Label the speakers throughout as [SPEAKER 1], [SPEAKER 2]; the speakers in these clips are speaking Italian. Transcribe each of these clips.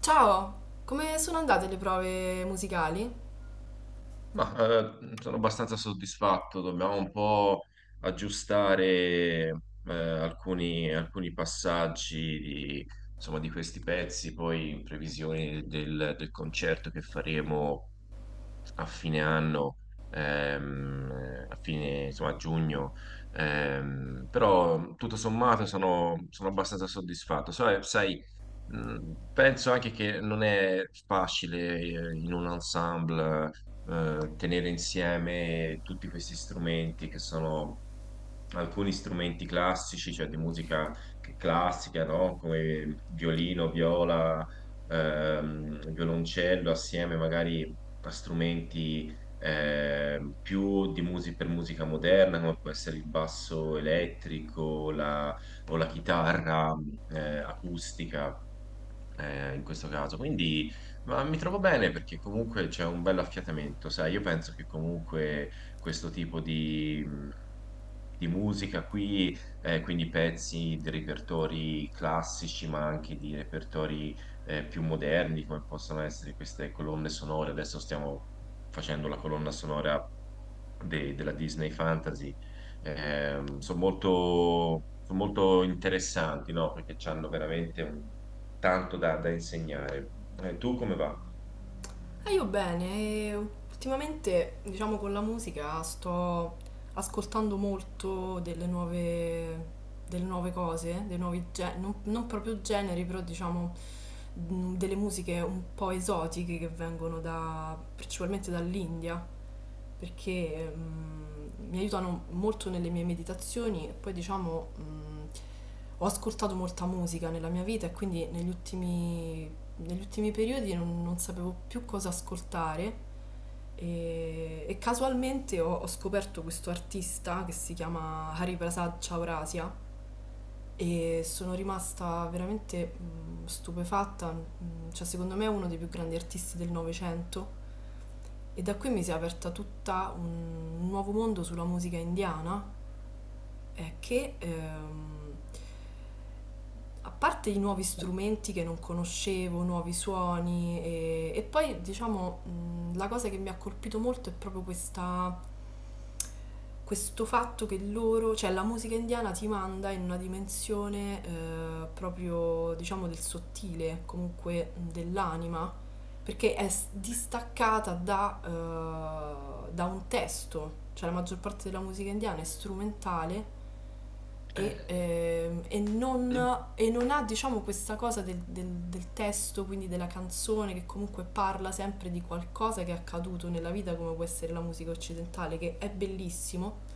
[SPEAKER 1] Ciao, come sono andate le prove musicali?
[SPEAKER 2] Ma sono abbastanza soddisfatto, dobbiamo un po' aggiustare alcuni passaggi di, insomma, di questi pezzi, poi in previsione del concerto che faremo a fine anno, a fine, insomma, a giugno, però tutto sommato sono abbastanza soddisfatto. Sai, sai, mm, penso anche che non è facile in un ensemble, tenere insieme tutti questi strumenti che sono alcuni strumenti classici, cioè di musica classica, no? Come violino, viola, violoncello, assieme magari a strumenti più di per musica moderna, come può essere il basso elettrico, la o la chitarra acustica in questo caso. Quindi mi trovo bene perché comunque c'è un bello affiatamento, sai, io penso che comunque questo tipo di musica qui, quindi pezzi di repertori classici, ma anche di repertori più moderni, come possono essere queste colonne sonore. Adesso stiamo facendo la colonna sonora della Disney Fantasy, sono molto, son molto interessanti, no? Perché hanno veramente tanto da, da insegnare. Tu come va?
[SPEAKER 1] Ah, io bene, e ultimamente, diciamo, con la musica sto ascoltando molto delle nuove cose, dei nuovi generi, non proprio generi, però diciamo delle musiche un po' esotiche che vengono da, principalmente dall'India. Perché mi aiutano molto nelle mie meditazioni e poi diciamo ho ascoltato molta musica nella mia vita e quindi negli ultimi periodi non sapevo più cosa ascoltare e casualmente ho scoperto questo artista che si chiama Hariprasad Chaurasia e sono rimasta veramente stupefatta, cioè secondo me è uno dei più grandi artisti del Novecento e da qui mi si è aperta tutta un nuovo mondo sulla musica indiana eh, che, ehm, a parte i nuovi strumenti che non conoscevo, nuovi suoni, e poi diciamo la cosa che mi ha colpito molto è proprio questa questo fatto che loro, cioè la musica indiana ti manda in una dimensione proprio diciamo del sottile, comunque dell'anima, perché distaccata da, da un testo, cioè la maggior parte della musica indiana è strumentale e,
[SPEAKER 2] Eh,
[SPEAKER 1] e non ha diciamo questa cosa del, del testo, quindi della canzone che comunque parla sempre di qualcosa che è accaduto nella vita come può essere la musica occidentale, che è bellissimo.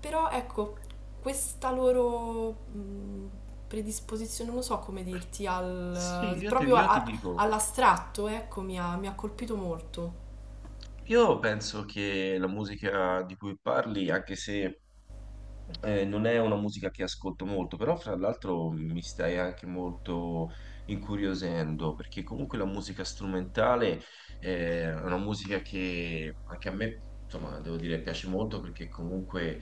[SPEAKER 1] Però ecco, questa loro predisposizione, non so come dirti,
[SPEAKER 2] sì,
[SPEAKER 1] al, proprio
[SPEAKER 2] io ti dico,
[SPEAKER 1] all'astratto, ecco, mi ha colpito molto.
[SPEAKER 2] io penso che la musica di cui parli, anche se non è una musica che ascolto molto, però fra l'altro mi stai anche molto incuriosendo, perché comunque la musica strumentale è una musica che anche a me, insomma, devo dire, piace molto perché comunque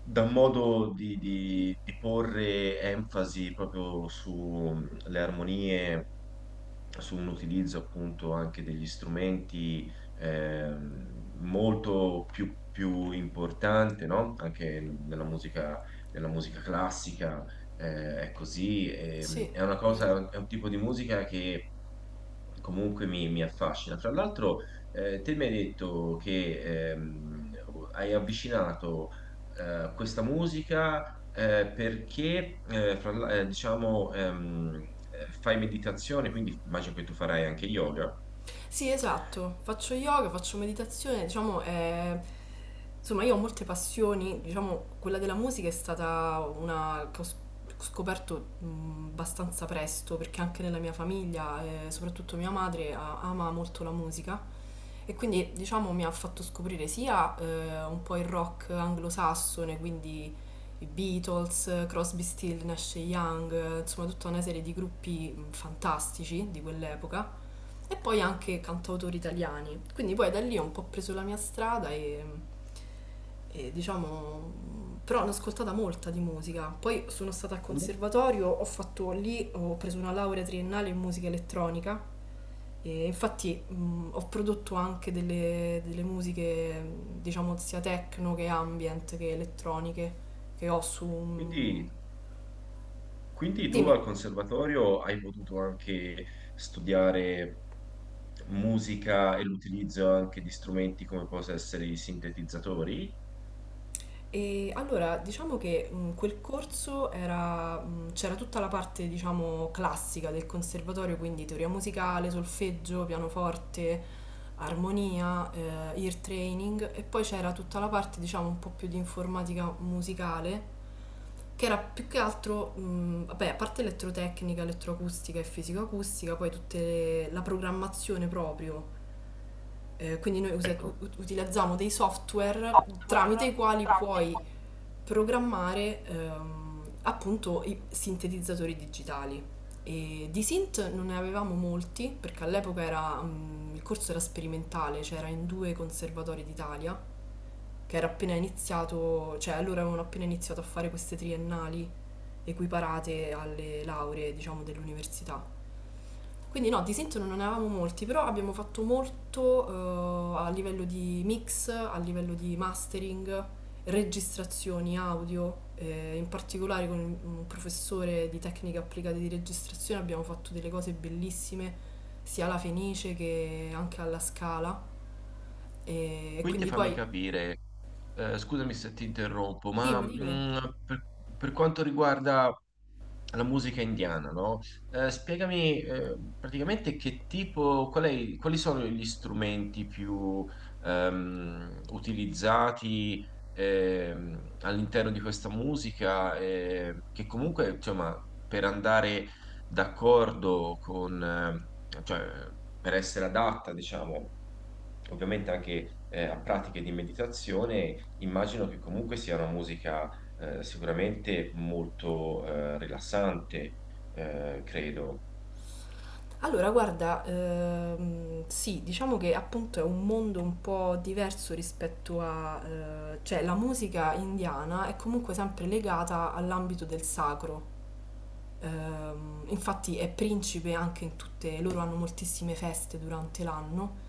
[SPEAKER 2] da un modo di, di porre enfasi proprio sulle armonie, su un utilizzo appunto anche degli strumenti molto più, più importante, no? Anche nella musica classica, è così.
[SPEAKER 1] Sì,
[SPEAKER 2] È una
[SPEAKER 1] vero.
[SPEAKER 2] cosa, è un tipo di musica che comunque mi, mi affascina. Fra l'altro, te mi hai detto che hai avvicinato questa musica perché, diciamo, fai meditazione, quindi immagino che tu farai anche yoga.
[SPEAKER 1] Sì, esatto. Faccio yoga, faccio meditazione, diciamo, insomma, io ho molte passioni, diciamo, quella della musica è stata una che scoperto abbastanza presto, perché anche nella mia famiglia, soprattutto mia madre, ama molto la musica. E quindi diciamo mi ha fatto scoprire sia un po' il rock anglosassone, quindi i Beatles, Crosby, Still, Nash e Young, insomma tutta una serie di gruppi fantastici di quell'epoca, e poi anche cantautori italiani. Quindi poi da lì ho un po' preso la mia strada e, diciamo... Però ne ho ascoltata molta di musica. Poi sono stata al
[SPEAKER 2] Comunque,
[SPEAKER 1] conservatorio, ho fatto lì, ho preso una laurea triennale in musica elettronica e infatti ho prodotto anche delle, delle musiche, diciamo, sia techno che ambient che elettroniche, che ho su...
[SPEAKER 2] quindi, quindi tu
[SPEAKER 1] Dimmi.
[SPEAKER 2] al conservatorio hai potuto anche studiare musica e l'utilizzo anche di strumenti come possono essere i sintetizzatori.
[SPEAKER 1] E allora, diciamo che quel corso era, c'era tutta la parte, diciamo, classica del conservatorio, quindi teoria musicale, solfeggio, pianoforte, armonia, ear training, e poi c'era tutta la parte, diciamo, un po' più di informatica musicale che era più che altro, vabbè, a parte elettrotecnica, elettroacustica e fisicoacustica, poi tutta la programmazione proprio. Quindi noi
[SPEAKER 2] Ecco,
[SPEAKER 1] utilizziamo dei software tramite
[SPEAKER 2] software
[SPEAKER 1] i quali
[SPEAKER 2] tramite
[SPEAKER 1] puoi
[SPEAKER 2] il
[SPEAKER 1] programmare appunto i sintetizzatori digitali. E di synth non ne avevamo molti perché all'epoca era, il corso era sperimentale, cioè era in due conservatori d'Italia, che era appena iniziato, cioè allora avevano appena iniziato a fare queste triennali equiparate alle lauree, diciamo, dell'università. Quindi no, di Sint non ne avevamo molti, però abbiamo fatto molto a livello di mix, a livello di mastering, registrazioni audio, in particolare con un professore di tecniche applicate di registrazione abbiamo fatto delle cose bellissime, sia alla Fenice che anche alla Scala. E
[SPEAKER 2] quindi
[SPEAKER 1] quindi
[SPEAKER 2] fammi
[SPEAKER 1] poi,
[SPEAKER 2] capire, scusami se ti interrompo, ma
[SPEAKER 1] dimmi.
[SPEAKER 2] per per quanto riguarda alla musica indiana, no? Spiegami praticamente che tipo, quali sono gli strumenti più utilizzati all'interno di questa musica, che comunque, insomma, per andare d'accordo con, cioè, per essere adatta, diciamo, ovviamente anche a pratiche di meditazione, immagino che comunque sia una musica sicuramente molto rilassante, credo.
[SPEAKER 1] Allora, guarda, sì, diciamo che appunto è un mondo un po' diverso rispetto a... cioè la musica indiana è comunque sempre legata all'ambito del sacro. Infatti è principe anche in tutte... loro hanno moltissime feste durante l'anno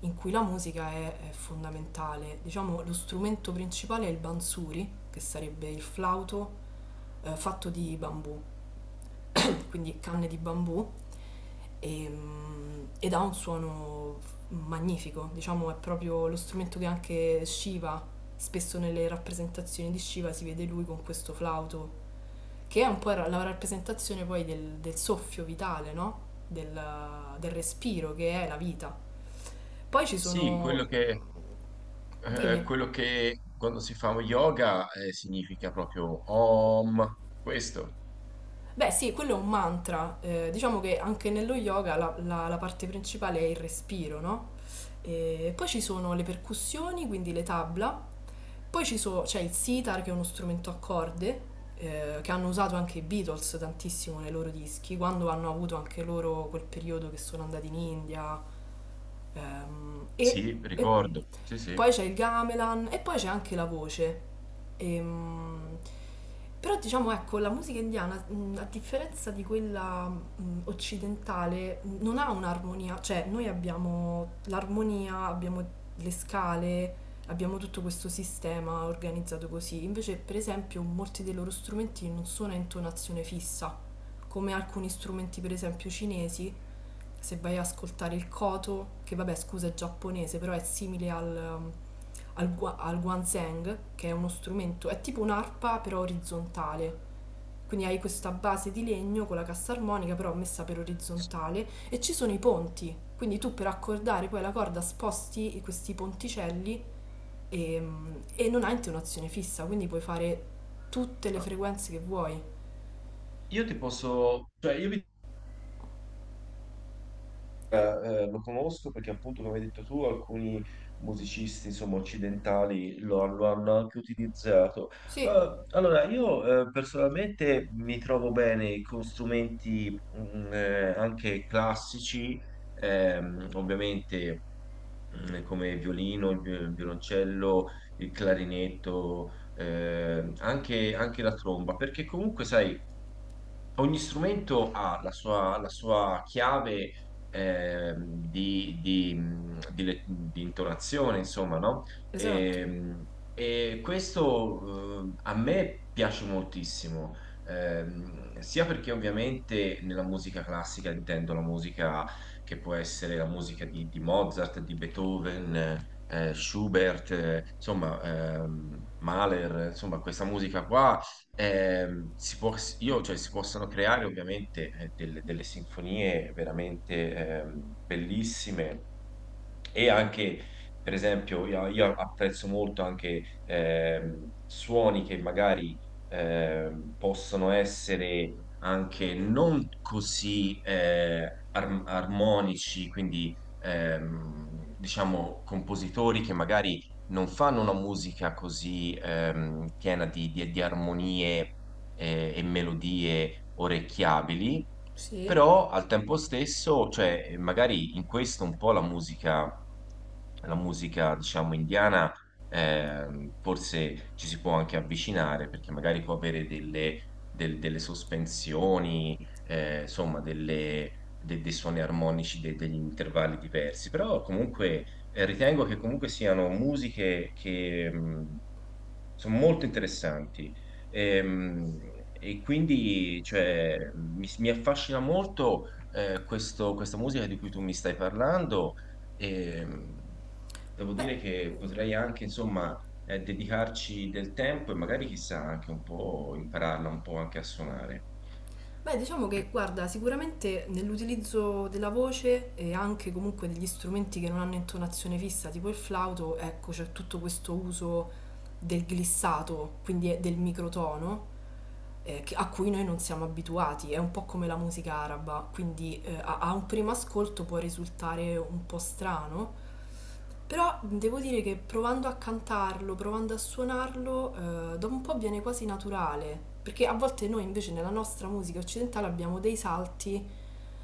[SPEAKER 1] in cui la musica è fondamentale. Diciamo lo strumento principale è il bansuri, che sarebbe il flauto fatto di bambù, quindi canne di bambù e, ed ha un suono magnifico, diciamo è proprio lo strumento che anche Shiva, spesso nelle rappresentazioni di Shiva si vede lui con questo flauto, che è un po' la rappresentazione poi del, del soffio vitale, no? Del, del respiro che è la vita. Poi ci
[SPEAKER 2] Sì,
[SPEAKER 1] sono, dimmi.
[SPEAKER 2] quello che quando si fa yoga significa proprio Om, questo.
[SPEAKER 1] Beh sì, quello è un mantra, diciamo che anche nello yoga la, la parte principale è il respiro, no? E poi ci sono le percussioni, quindi le tabla. C'è il sitar, che è uno strumento a corde, che hanno usato anche i Beatles tantissimo nei loro dischi, quando hanno avuto anche loro quel periodo che sono andati in India. Ehm, e,
[SPEAKER 2] Sì,
[SPEAKER 1] e
[SPEAKER 2] ricordo. Sì,
[SPEAKER 1] poi
[SPEAKER 2] sì.
[SPEAKER 1] c'è il gamelan e poi c'è anche la voce. Ehm, però diciamo, ecco, la musica indiana, a differenza di quella occidentale, non ha un'armonia, cioè noi abbiamo l'armonia, abbiamo le scale, abbiamo tutto questo sistema organizzato così. Invece, per esempio, molti dei loro strumenti non sono a intonazione fissa, come alcuni strumenti, per esempio, cinesi. Se vai a ascoltare il koto, che vabbè scusa è giapponese, però è simile al, al, al guanzhang, che è uno strumento, è tipo un'arpa però orizzontale. Quindi hai questa base di legno con la cassa armonica però messa per orizzontale e ci sono i ponti. Quindi tu per accordare poi la corda sposti questi ponticelli e, e non hai un'azione fissa, quindi puoi fare tutte le
[SPEAKER 2] Ah,
[SPEAKER 1] frequenze che vuoi.
[SPEAKER 2] io ti posso, cioè io vi, eh, lo conosco perché appunto, come hai detto tu, alcuni musicisti, insomma, occidentali lo, lo hanno anche utilizzato.
[SPEAKER 1] Sì,
[SPEAKER 2] Allora, io, personalmente mi trovo bene con strumenti, anche classici, ovviamente, come il violino, il violoncello, il clarinetto, anche, anche la tromba, perché comunque, sai, ogni strumento ha la sua chiave di di intonazione, insomma, no?
[SPEAKER 1] esatto.
[SPEAKER 2] Ehm, E questo, a me piace moltissimo, sia perché ovviamente nella musica classica intendo la musica che può essere la musica di Mozart, di Beethoven, Schubert, insomma, Mahler, insomma, questa musica qua si cioè, si possono creare ovviamente delle, delle sinfonie veramente bellissime e anche, per esempio, io apprezzo molto anche suoni che magari possono essere anche non così armonici, quindi, diciamo compositori che magari non fanno una musica così piena di, di armonie e melodie orecchiabili,
[SPEAKER 1] Sì.
[SPEAKER 2] però al tempo stesso, cioè, magari in questo un po' la musica, diciamo, indiana, forse ci si può anche avvicinare, perché magari può avere delle, delle sospensioni, insomma, dei suoni armonici, degli intervalli diversi, però comunque ritengo che comunque siano musiche che... sono molto interessanti. Ehm, E quindi cioè, mi affascina molto, questa musica di cui tu mi stai parlando. E, devo
[SPEAKER 1] Beh,
[SPEAKER 2] dire che potrei anche, insomma, dedicarci del tempo e magari chissà anche un po' impararla un po' anche a suonare.
[SPEAKER 1] Diciamo che, guarda, sicuramente nell'utilizzo della voce e anche comunque degli strumenti che non hanno intonazione fissa, tipo il flauto, ecco, c'è tutto questo uso del glissato, quindi è del microtono, a cui noi non siamo abituati. È un po' come la musica araba, quindi a un primo ascolto può risultare un po' strano, però devo dire che provando a cantarlo, provando a suonarlo, dopo un po' viene quasi naturale, perché a volte noi invece nella nostra musica occidentale abbiamo dei salti,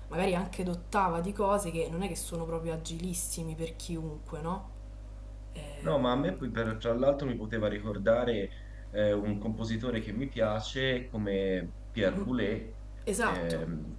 [SPEAKER 1] magari anche d'ottava, di cose che non è che sono proprio agilissimi per chiunque, no?
[SPEAKER 2] No, ma a me
[SPEAKER 1] Ehm,
[SPEAKER 2] poi tra l'altro mi poteva ricordare un compositore che mi piace come Pierre
[SPEAKER 1] m-
[SPEAKER 2] Boulez,
[SPEAKER 1] esatto.
[SPEAKER 2] ehm,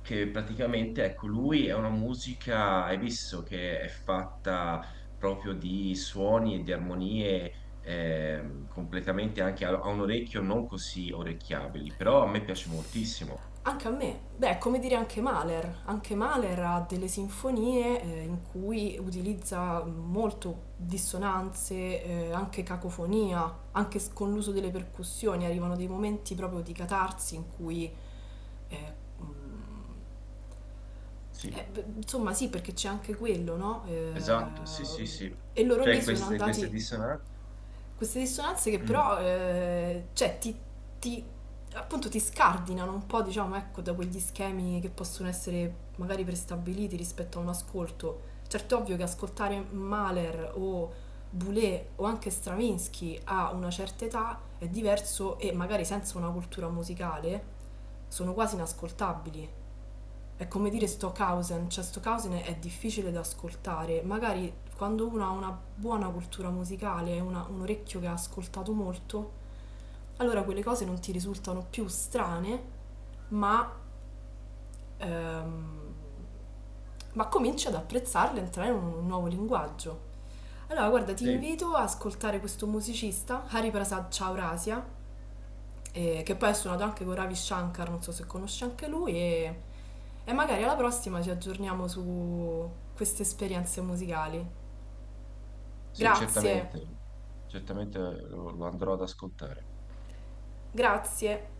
[SPEAKER 2] che praticamente, ecco, lui è una musica, hai visto, che è fatta proprio di suoni e di armonie completamente anche a, a un orecchio non così orecchiabili, però a me piace moltissimo.
[SPEAKER 1] Anche a me, beh, è come dire anche Mahler. Anche Mahler ha delle sinfonie in cui utilizza molto dissonanze, anche cacofonia, anche con l'uso delle percussioni. Arrivano dei momenti proprio di catarsi in cui, eh, mm,
[SPEAKER 2] Sì,
[SPEAKER 1] beh, insomma, sì, perché c'è anche quello, no?
[SPEAKER 2] esatto, sì, sì, sì.
[SPEAKER 1] E loro lì
[SPEAKER 2] Cioè
[SPEAKER 1] sono
[SPEAKER 2] queste, queste
[SPEAKER 1] andati
[SPEAKER 2] dissonanze.
[SPEAKER 1] queste dissonanze che
[SPEAKER 2] Mm,
[SPEAKER 1] però cioè, ti- appunto ti scardinano un po', diciamo, ecco, da quegli schemi che possono essere magari prestabiliti rispetto a un ascolto. Certo è ovvio che ascoltare Mahler o Boulez o anche Stravinsky a una certa età è diverso e magari senza una cultura musicale sono quasi inascoltabili. È come dire
[SPEAKER 2] mm,
[SPEAKER 1] Stockhausen, cioè Stockhausen è difficile da ascoltare, magari quando uno ha una buona cultura musicale, un orecchio che ha ascoltato molto, allora quelle cose non ti risultano più strane, ma, ehm, ma cominci ad apprezzarle, a entrare in un nuovo linguaggio. Allora, guarda, ti
[SPEAKER 2] sì.
[SPEAKER 1] invito ad ascoltare questo musicista, Hariprasad Chaurasia, che poi è suonato anche con Ravi Shankar, non so se conosci anche lui, e magari alla prossima ci aggiorniamo su queste esperienze musicali.
[SPEAKER 2] Sì,
[SPEAKER 1] Grazie,
[SPEAKER 2] certamente, certamente lo, lo andrò ad ascoltare.
[SPEAKER 1] grazie.